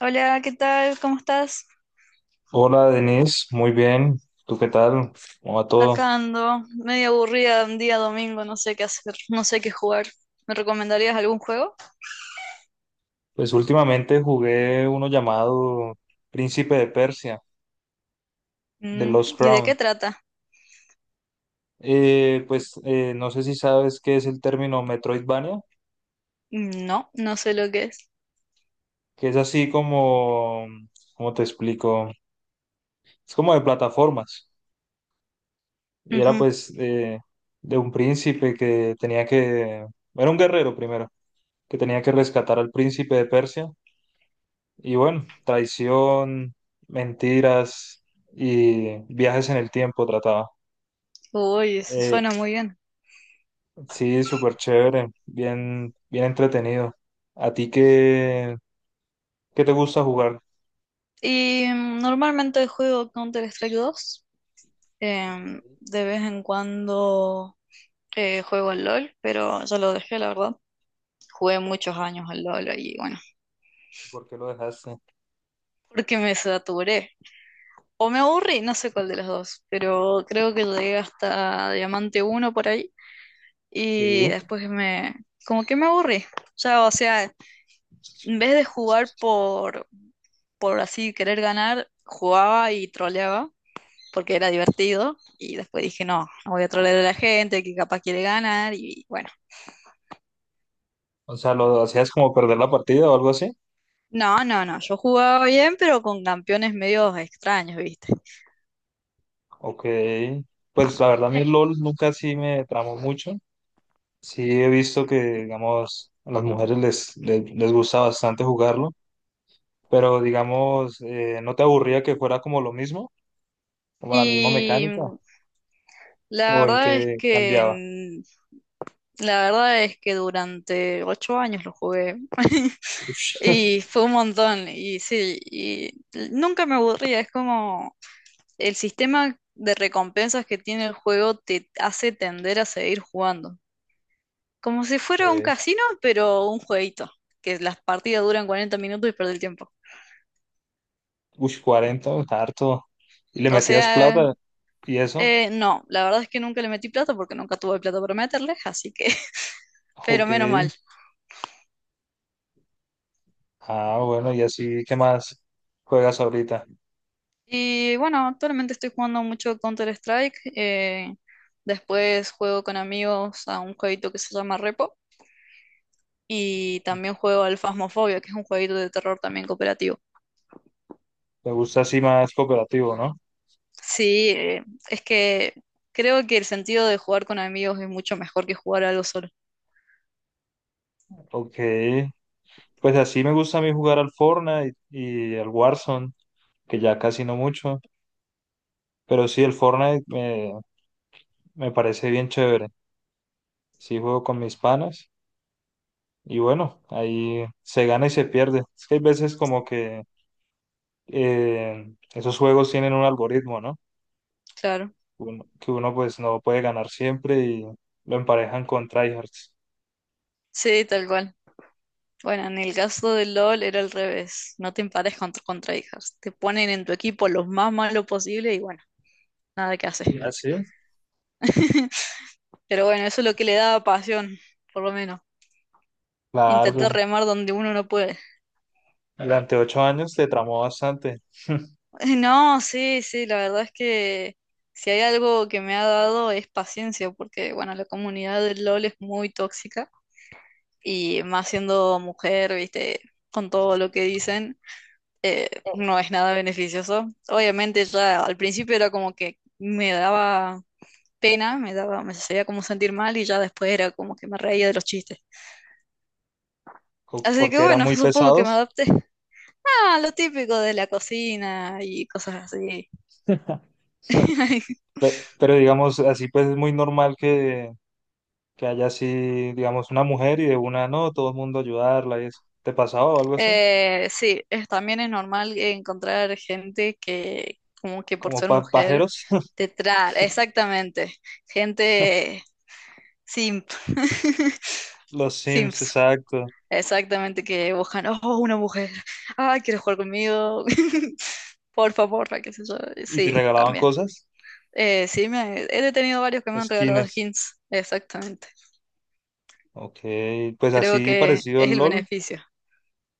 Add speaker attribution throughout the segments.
Speaker 1: Hola, ¿qué tal? ¿Cómo estás?
Speaker 2: Hola Denise, muy bien. ¿Tú qué tal? ¿Cómo va
Speaker 1: Acá
Speaker 2: todo?
Speaker 1: ando, medio aburrida, un día domingo, no sé qué hacer, no sé qué jugar. ¿Me recomendarías algún juego?
Speaker 2: Pues últimamente jugué uno llamado Príncipe de Persia, de Lost
Speaker 1: ¿Y de qué
Speaker 2: Crown.
Speaker 1: trata?
Speaker 2: No sé si sabes qué es el término Metroidvania,
Speaker 1: No, no sé lo que es.
Speaker 2: que es así como, ¿cómo te explico? Es como de plataformas. Y era
Speaker 1: Ujú.
Speaker 2: de un príncipe que tenía que, era un guerrero primero, que tenía que rescatar al príncipe de Persia. Y bueno, traición, mentiras y viajes en el tiempo trataba.
Speaker 1: Uy, eso
Speaker 2: Eh,
Speaker 1: suena muy bien.
Speaker 2: sí, súper chévere, bien, bien entretenido. ¿A ti qué, qué te gusta jugar?
Speaker 1: Y normalmente juego Counter-Strike 2.
Speaker 2: Ok.
Speaker 1: De vez en cuando juego al LOL, pero ya lo dejé, la verdad. Jugué muchos años al LOL y bueno,
Speaker 2: ¿Por qué lo dejaste?
Speaker 1: porque me saturé. O me aburrí, no sé cuál de los dos, pero creo que llegué hasta Diamante uno por ahí y
Speaker 2: Sí,
Speaker 1: después me... como que me aburrí. Ya, o sea, en vez de jugar por así querer ganar, jugaba y troleaba porque era divertido y después dije, no, no voy a trolear a la gente que capaz quiere ganar y bueno.
Speaker 2: o sea, ¿lo hacías como perder la partida o algo así?
Speaker 1: No, no, no, yo jugaba bien, pero con campeones medio extraños, ¿viste?
Speaker 2: Ok, pues la verdad a mí el LOL nunca sí me tramó mucho. Sí he visto que, digamos, a las mujeres les gusta bastante jugarlo. Pero digamos, ¿no te aburría que fuera como lo mismo? ¿Como la misma
Speaker 1: Y
Speaker 2: mecánica?
Speaker 1: la
Speaker 2: ¿O en
Speaker 1: verdad es
Speaker 2: qué cambiaba?
Speaker 1: que La verdad es que durante 8 años lo jugué
Speaker 2: Ush,
Speaker 1: y fue un montón y sí, y nunca me aburría, es como el sistema de recompensas que tiene el juego te hace tender a seguir jugando. Como si fuera un
Speaker 2: eh,
Speaker 1: casino, pero un jueguito, que las partidas duran 40 minutos y perdí el tiempo.
Speaker 2: ush, 40, harto. ¿Y le
Speaker 1: O
Speaker 2: metías
Speaker 1: sea,
Speaker 2: plata? ¿Y eso?
Speaker 1: no, la verdad es que nunca le metí plata porque nunca tuve plata para meterle, así que, pero
Speaker 2: Ok.
Speaker 1: menos mal.
Speaker 2: Ah, bueno, y así, ¿qué más juegas ahorita?
Speaker 1: Y bueno, actualmente estoy jugando mucho Counter-Strike. Después juego con amigos a un jueguito que se llama Repo. Y también juego al Phasmophobia, que es un jueguito de terror también cooperativo.
Speaker 2: Me gusta así más cooperativo, ¿no?
Speaker 1: Sí, es que creo que el sentido de jugar con amigos es mucho mejor que jugar algo solo.
Speaker 2: Ok. Pues así me gusta a mí jugar al Fortnite y al Warzone, que ya casi no mucho. Pero sí, el Fortnite me parece bien chévere. Sí juego con mis panas. Y bueno, ahí se gana y se pierde. Es que hay veces como que esos juegos tienen un algoritmo, ¿no?
Speaker 1: Claro.
Speaker 2: Que uno pues no puede ganar siempre y lo emparejan con tryhards.
Speaker 1: Sí, tal cual. Bueno, en el caso del LOL era al revés. No te empares con, contrahijas. Te ponen en tu equipo los más malos posible y bueno, nada que hacer.
Speaker 2: Y así
Speaker 1: Pero bueno, eso es lo que le daba pasión, por lo menos.
Speaker 2: claro,
Speaker 1: Intentar
Speaker 2: pues
Speaker 1: remar donde uno no puede.
Speaker 2: durante ocho años te tramó bastante,
Speaker 1: No, sí, sí, la verdad es que si hay algo que me ha dado es paciencia, porque bueno, la comunidad del LOL es muy tóxica y más siendo mujer, viste, con todo lo que dicen, no es nada beneficioso. Obviamente ya al principio era como que me daba pena, me hacía como sentir mal y ya después era como que me reía de los chistes. Así que
Speaker 2: porque eran
Speaker 1: bueno,
Speaker 2: muy
Speaker 1: supongo que me
Speaker 2: pesados.
Speaker 1: adapté. Ah, lo típico de la cocina y cosas así.
Speaker 2: Pero, digamos, así pues es muy normal que haya así, digamos, una mujer y de una no, todo el mundo ayudarla y eso. ¿Te pasaba o algo así?
Speaker 1: Sí, también es normal encontrar gente que, como que por
Speaker 2: ¿Como
Speaker 1: ser mujer,
Speaker 2: pajeros?
Speaker 1: te trae, exactamente, gente simp,
Speaker 2: Los Sims,
Speaker 1: simps,
Speaker 2: exacto.
Speaker 1: exactamente, que buscan, oh, una mujer, ay, ¿quieres jugar conmigo? Por favor, qué sé yo,
Speaker 2: ¿Y te
Speaker 1: sí,
Speaker 2: regalaban
Speaker 1: también.
Speaker 2: cosas?
Speaker 1: Sí, he tenido varios que me han regalado
Speaker 2: Skins.
Speaker 1: skins, exactamente.
Speaker 2: Ok, pues
Speaker 1: Creo
Speaker 2: así
Speaker 1: que
Speaker 2: parecido al
Speaker 1: es el
Speaker 2: LOL.
Speaker 1: beneficio.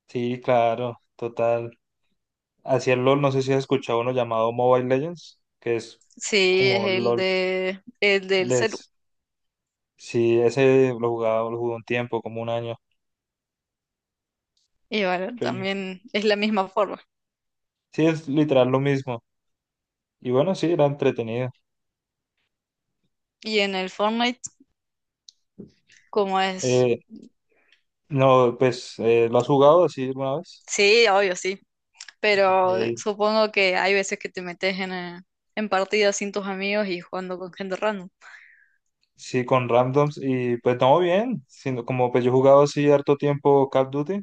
Speaker 2: Sí, claro, total. Hacia el LOL, no sé si has escuchado uno llamado Mobile Legends, que es
Speaker 1: Sí, es
Speaker 2: como
Speaker 1: el
Speaker 2: LOL.
Speaker 1: de el del celu.
Speaker 2: Les... Sí, ese lo jugaba, lo jugué un tiempo, como un año.
Speaker 1: Y bueno,
Speaker 2: Y
Speaker 1: también es la misma forma.
Speaker 2: sí, es literal lo mismo. Y bueno, sí, era entretenido.
Speaker 1: Y en el Fortnite, ¿como es?
Speaker 2: Eh, no, ¿lo has jugado así alguna vez?
Speaker 1: Sí, obvio, sí. Pero
Speaker 2: Ok.
Speaker 1: supongo que hay veces que te metes en partidas sin tus amigos y jugando con gente random.
Speaker 2: Sí, con randoms y pues no bien, sino como pues yo he jugado así harto tiempo Call of Duty,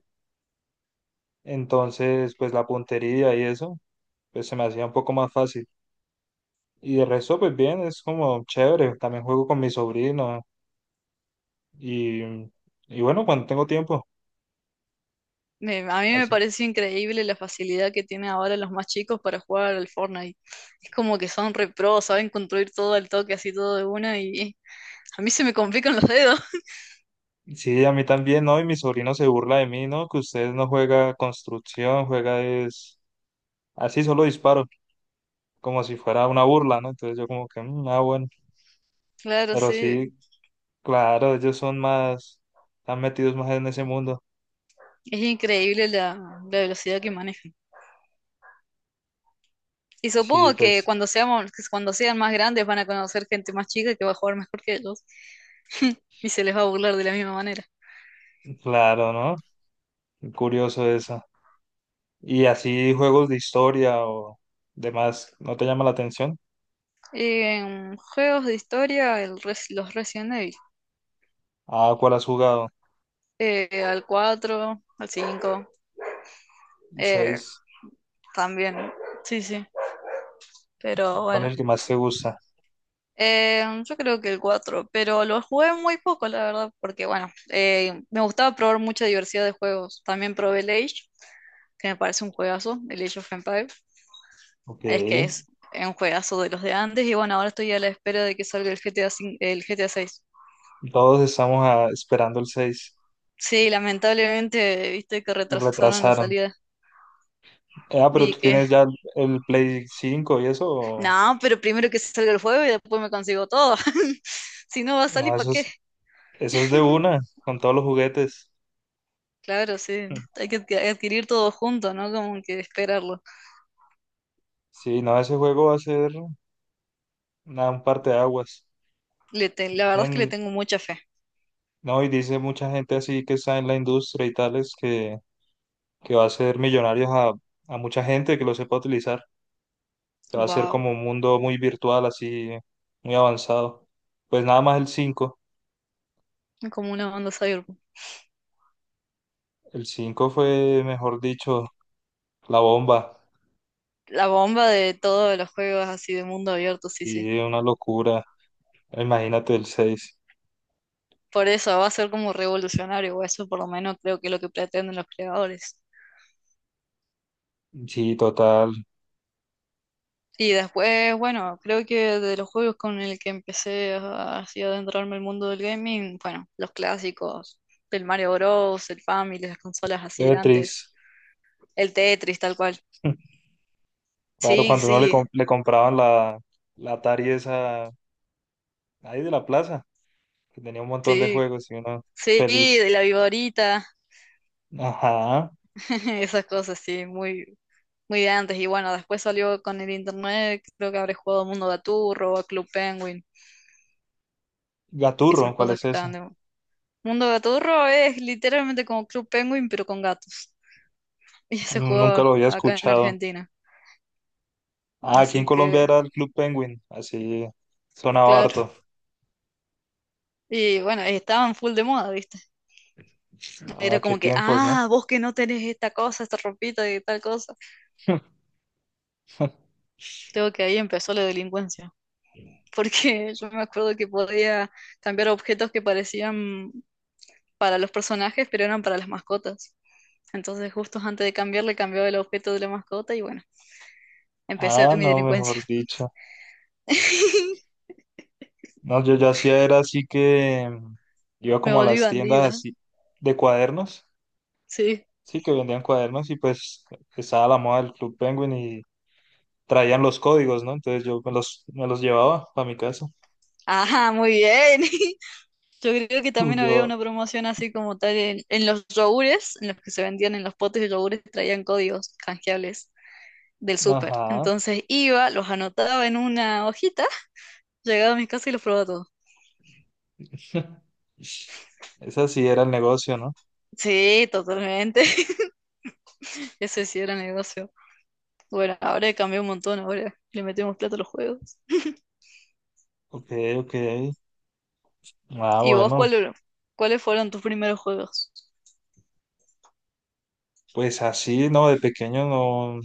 Speaker 2: entonces pues la puntería y eso, pues se me hacía un poco más fácil. Y de resto pues bien, es como chévere, también juego con mi sobrino y, y bueno, cuando tengo tiempo.
Speaker 1: A mí me
Speaker 2: Así.
Speaker 1: parece increíble la facilidad que tienen ahora los más chicos para jugar al Fortnite. Es como que son re pro, saben construir todo al toque, así todo de una, y a mí se me complican los dedos.
Speaker 2: Sí, a mí también, ¿no? Y mi sobrino se burla de mí, ¿no? Que usted no juega construcción, juega es así solo disparo, como si fuera una burla, ¿no? Entonces yo como que, "Mm, ah, bueno,
Speaker 1: Claro,
Speaker 2: pero
Speaker 1: sí.
Speaker 2: sí, claro, están metidos más en ese mundo.
Speaker 1: Es increíble la velocidad que manejan. Y
Speaker 2: Sí,
Speaker 1: supongo que
Speaker 2: pues,
Speaker 1: cuando seamos, que cuando sean más grandes van a conocer gente más chica que va a jugar mejor que ellos y se les va a burlar de la misma manera.
Speaker 2: claro, ¿no? Curioso eso. ¿Y así juegos de historia o demás, no te llama la atención?
Speaker 1: En juegos de historia, los Resident Evil.
Speaker 2: Ah, ¿cuál has jugado?
Speaker 1: Al 4 al 5 eh,
Speaker 2: Seis.
Speaker 1: también. Sí, sí. Pero
Speaker 2: ¿Cuál es
Speaker 1: bueno.
Speaker 2: el que más te gusta?
Speaker 1: Yo creo que el cuatro, pero lo jugué muy poco, la verdad, porque bueno, me gustaba probar mucha diversidad de juegos. También probé el Age, que me parece un juegazo, el Age of Empires.
Speaker 2: Ok.
Speaker 1: Es que es un juegazo de los de antes y bueno, ahora estoy a la espera de que salga el GTA, el GTA 6.
Speaker 2: Todos estamos ah, esperando el 6.
Speaker 1: Sí, lamentablemente, viste que retrasaron la
Speaker 2: Retrasaron.
Speaker 1: salida.
Speaker 2: Ah, pero
Speaker 1: y
Speaker 2: tú
Speaker 1: que,
Speaker 2: tienes ya el Play 5 y eso.
Speaker 1: no, pero primero que salga el juego y después me consigo todo. Si no va a
Speaker 2: No,
Speaker 1: salir, ¿para qué?
Speaker 2: eso es de una, con todos los juguetes.
Speaker 1: Claro, sí, hay que adquirir todo junto, ¿no? Como que esperarlo.
Speaker 2: Sí, no, ese juego va a ser nada, un parteaguas.
Speaker 1: La verdad es que le
Speaker 2: Dicen,
Speaker 1: tengo mucha fe.
Speaker 2: no, y dice mucha gente así que está en la industria y tales que va a hacer millonarios a mucha gente que lo sepa utilizar, que va a ser
Speaker 1: Wow,
Speaker 2: como un mundo muy virtual, así, muy avanzado. Pues nada más el cinco.
Speaker 1: como una banda cyberpunk.
Speaker 2: El 5 fue, mejor dicho, la bomba.
Speaker 1: La bomba de todos los juegos así de mundo abierto, sí, sí.
Speaker 2: Y una locura. Imagínate el seis.
Speaker 1: Por eso va a ser como revolucionario, o eso por lo menos creo que es lo que pretenden los creadores.
Speaker 2: Sí, total.
Speaker 1: Y después, bueno, creo que de los juegos con el que empecé a, así a adentrarme al mundo del gaming, bueno, los clásicos, el Mario Bros, el Family, las consolas así de
Speaker 2: Tetris.
Speaker 1: antes, el Tetris tal cual.
Speaker 2: Claro,
Speaker 1: Sí,
Speaker 2: cuando uno le,
Speaker 1: sí,
Speaker 2: com- le compraban la Atari esa ahí de la plaza, que tenía un montón de
Speaker 1: sí,
Speaker 2: juegos y uno
Speaker 1: sí,
Speaker 2: feliz.
Speaker 1: de la Viborita,
Speaker 2: Ajá.
Speaker 1: esas cosas, sí, muy, muy de antes. Y bueno, después salió con el internet, creo que habré jugado Mundo Gaturro, a Club Penguin, esas
Speaker 2: Gaturro, ¿cuál
Speaker 1: cosas
Speaker 2: es
Speaker 1: que
Speaker 2: ese?
Speaker 1: estaban de, Mundo Gaturro es literalmente como Club Penguin, pero con gatos. Y se
Speaker 2: No, nunca
Speaker 1: jugaba
Speaker 2: lo había
Speaker 1: acá en
Speaker 2: escuchado.
Speaker 1: Argentina.
Speaker 2: Ah, aquí en
Speaker 1: Así
Speaker 2: Colombia
Speaker 1: que,
Speaker 2: era el Club Penguin, así sonaba
Speaker 1: claro.
Speaker 2: harto.
Speaker 1: Y bueno, estaban full de moda, ¿viste? Era
Speaker 2: Ah, qué
Speaker 1: como que,
Speaker 2: tiempos, ¿no?
Speaker 1: ah, vos que no tenés esta cosa, esta ropita y tal cosa. Creo que ahí empezó la delincuencia. Porque yo me acuerdo que podía cambiar objetos que parecían para los personajes, pero eran para las mascotas. Entonces, justo antes de cambiarle, cambiaba el objeto de la mascota y bueno, empecé
Speaker 2: Ah,
Speaker 1: mi
Speaker 2: no,
Speaker 1: delincuencia.
Speaker 2: mejor dicho. No, yo ya hacía era así que mm, iba
Speaker 1: Me
Speaker 2: como a
Speaker 1: volví
Speaker 2: las tiendas
Speaker 1: bandida,
Speaker 2: así de cuadernos,
Speaker 1: sí.
Speaker 2: sí, que vendían cuadernos y pues estaba la moda del Club Penguin y traían los códigos, ¿no? Entonces yo me los llevaba para mi casa.
Speaker 1: Ajá, muy bien. Yo creo que
Speaker 2: Y
Speaker 1: también había
Speaker 2: yo,
Speaker 1: una promoción así como tal en los yogures, en los que se vendían en los potes de yogures, traían códigos canjeables del súper.
Speaker 2: ajá,
Speaker 1: Entonces iba, los anotaba en una hojita, llegaba a mi casa y los probaba todos.
Speaker 2: ese sí era el negocio, ¿no?
Speaker 1: Sí, totalmente. Ese sí era negocio. Bueno, ahora cambió un montón, ahora le metemos plata a los juegos.
Speaker 2: Ok, ok. Ah,
Speaker 1: ¿Y vos
Speaker 2: bueno,
Speaker 1: cuáles fueron tus primeros juegos?
Speaker 2: pues así, ¿no? De pequeño no,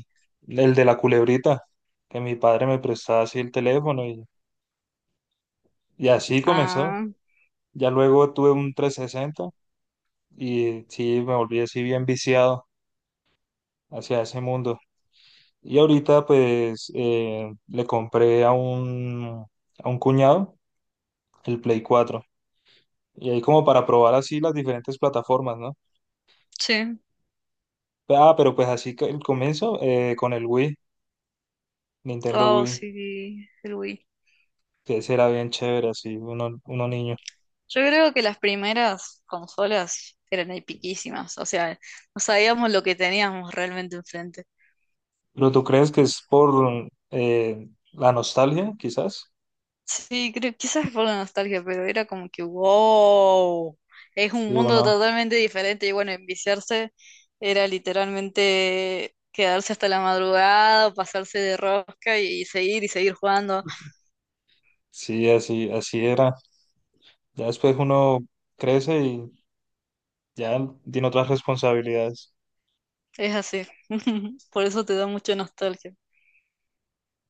Speaker 2: el de la culebrita, que mi padre me prestaba así el teléfono y así comenzó.
Speaker 1: Ah,
Speaker 2: Ya luego tuve un 360 y sí, me volví así bien viciado hacia ese mundo. Y ahorita le compré a a un cuñado el Play 4 y ahí como para probar así las diferentes plataformas, ¿no?
Speaker 1: sí.
Speaker 2: Ah, pero pues así que el comienzo con el Wii, Nintendo
Speaker 1: Oh,
Speaker 2: Wii,
Speaker 1: sí, el Wii.
Speaker 2: que será bien chévere así, uno, uno niño.
Speaker 1: Yo creo que las primeras consolas eran epiquísimas, o sea, no sabíamos lo que teníamos realmente enfrente.
Speaker 2: ¿Pero tú crees que es por la nostalgia, quizás?
Speaker 1: Sí, creo, quizás es por la nostalgia, pero era como que, wow, es un
Speaker 2: Sí,
Speaker 1: mundo
Speaker 2: uno,
Speaker 1: totalmente diferente y bueno, enviciarse era literalmente quedarse hasta la madrugada, o pasarse de rosca y seguir jugando.
Speaker 2: sí, así, así era. Ya después uno crece y ya tiene otras responsabilidades.
Speaker 1: Es así, por eso te da mucha nostalgia.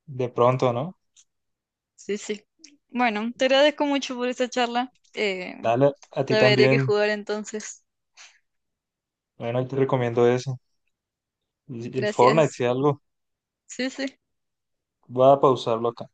Speaker 2: De pronto, ¿no?
Speaker 1: Sí, sí. Bueno, te agradezco mucho por esta charla.
Speaker 2: Dale, a ti
Speaker 1: Ya veré qué
Speaker 2: también.
Speaker 1: jugar entonces.
Speaker 2: Bueno, yo te recomiendo eso. Y el Fortnite,
Speaker 1: Gracias.
Speaker 2: si algo,
Speaker 1: Sí, sí.
Speaker 2: voy a pausarlo acá.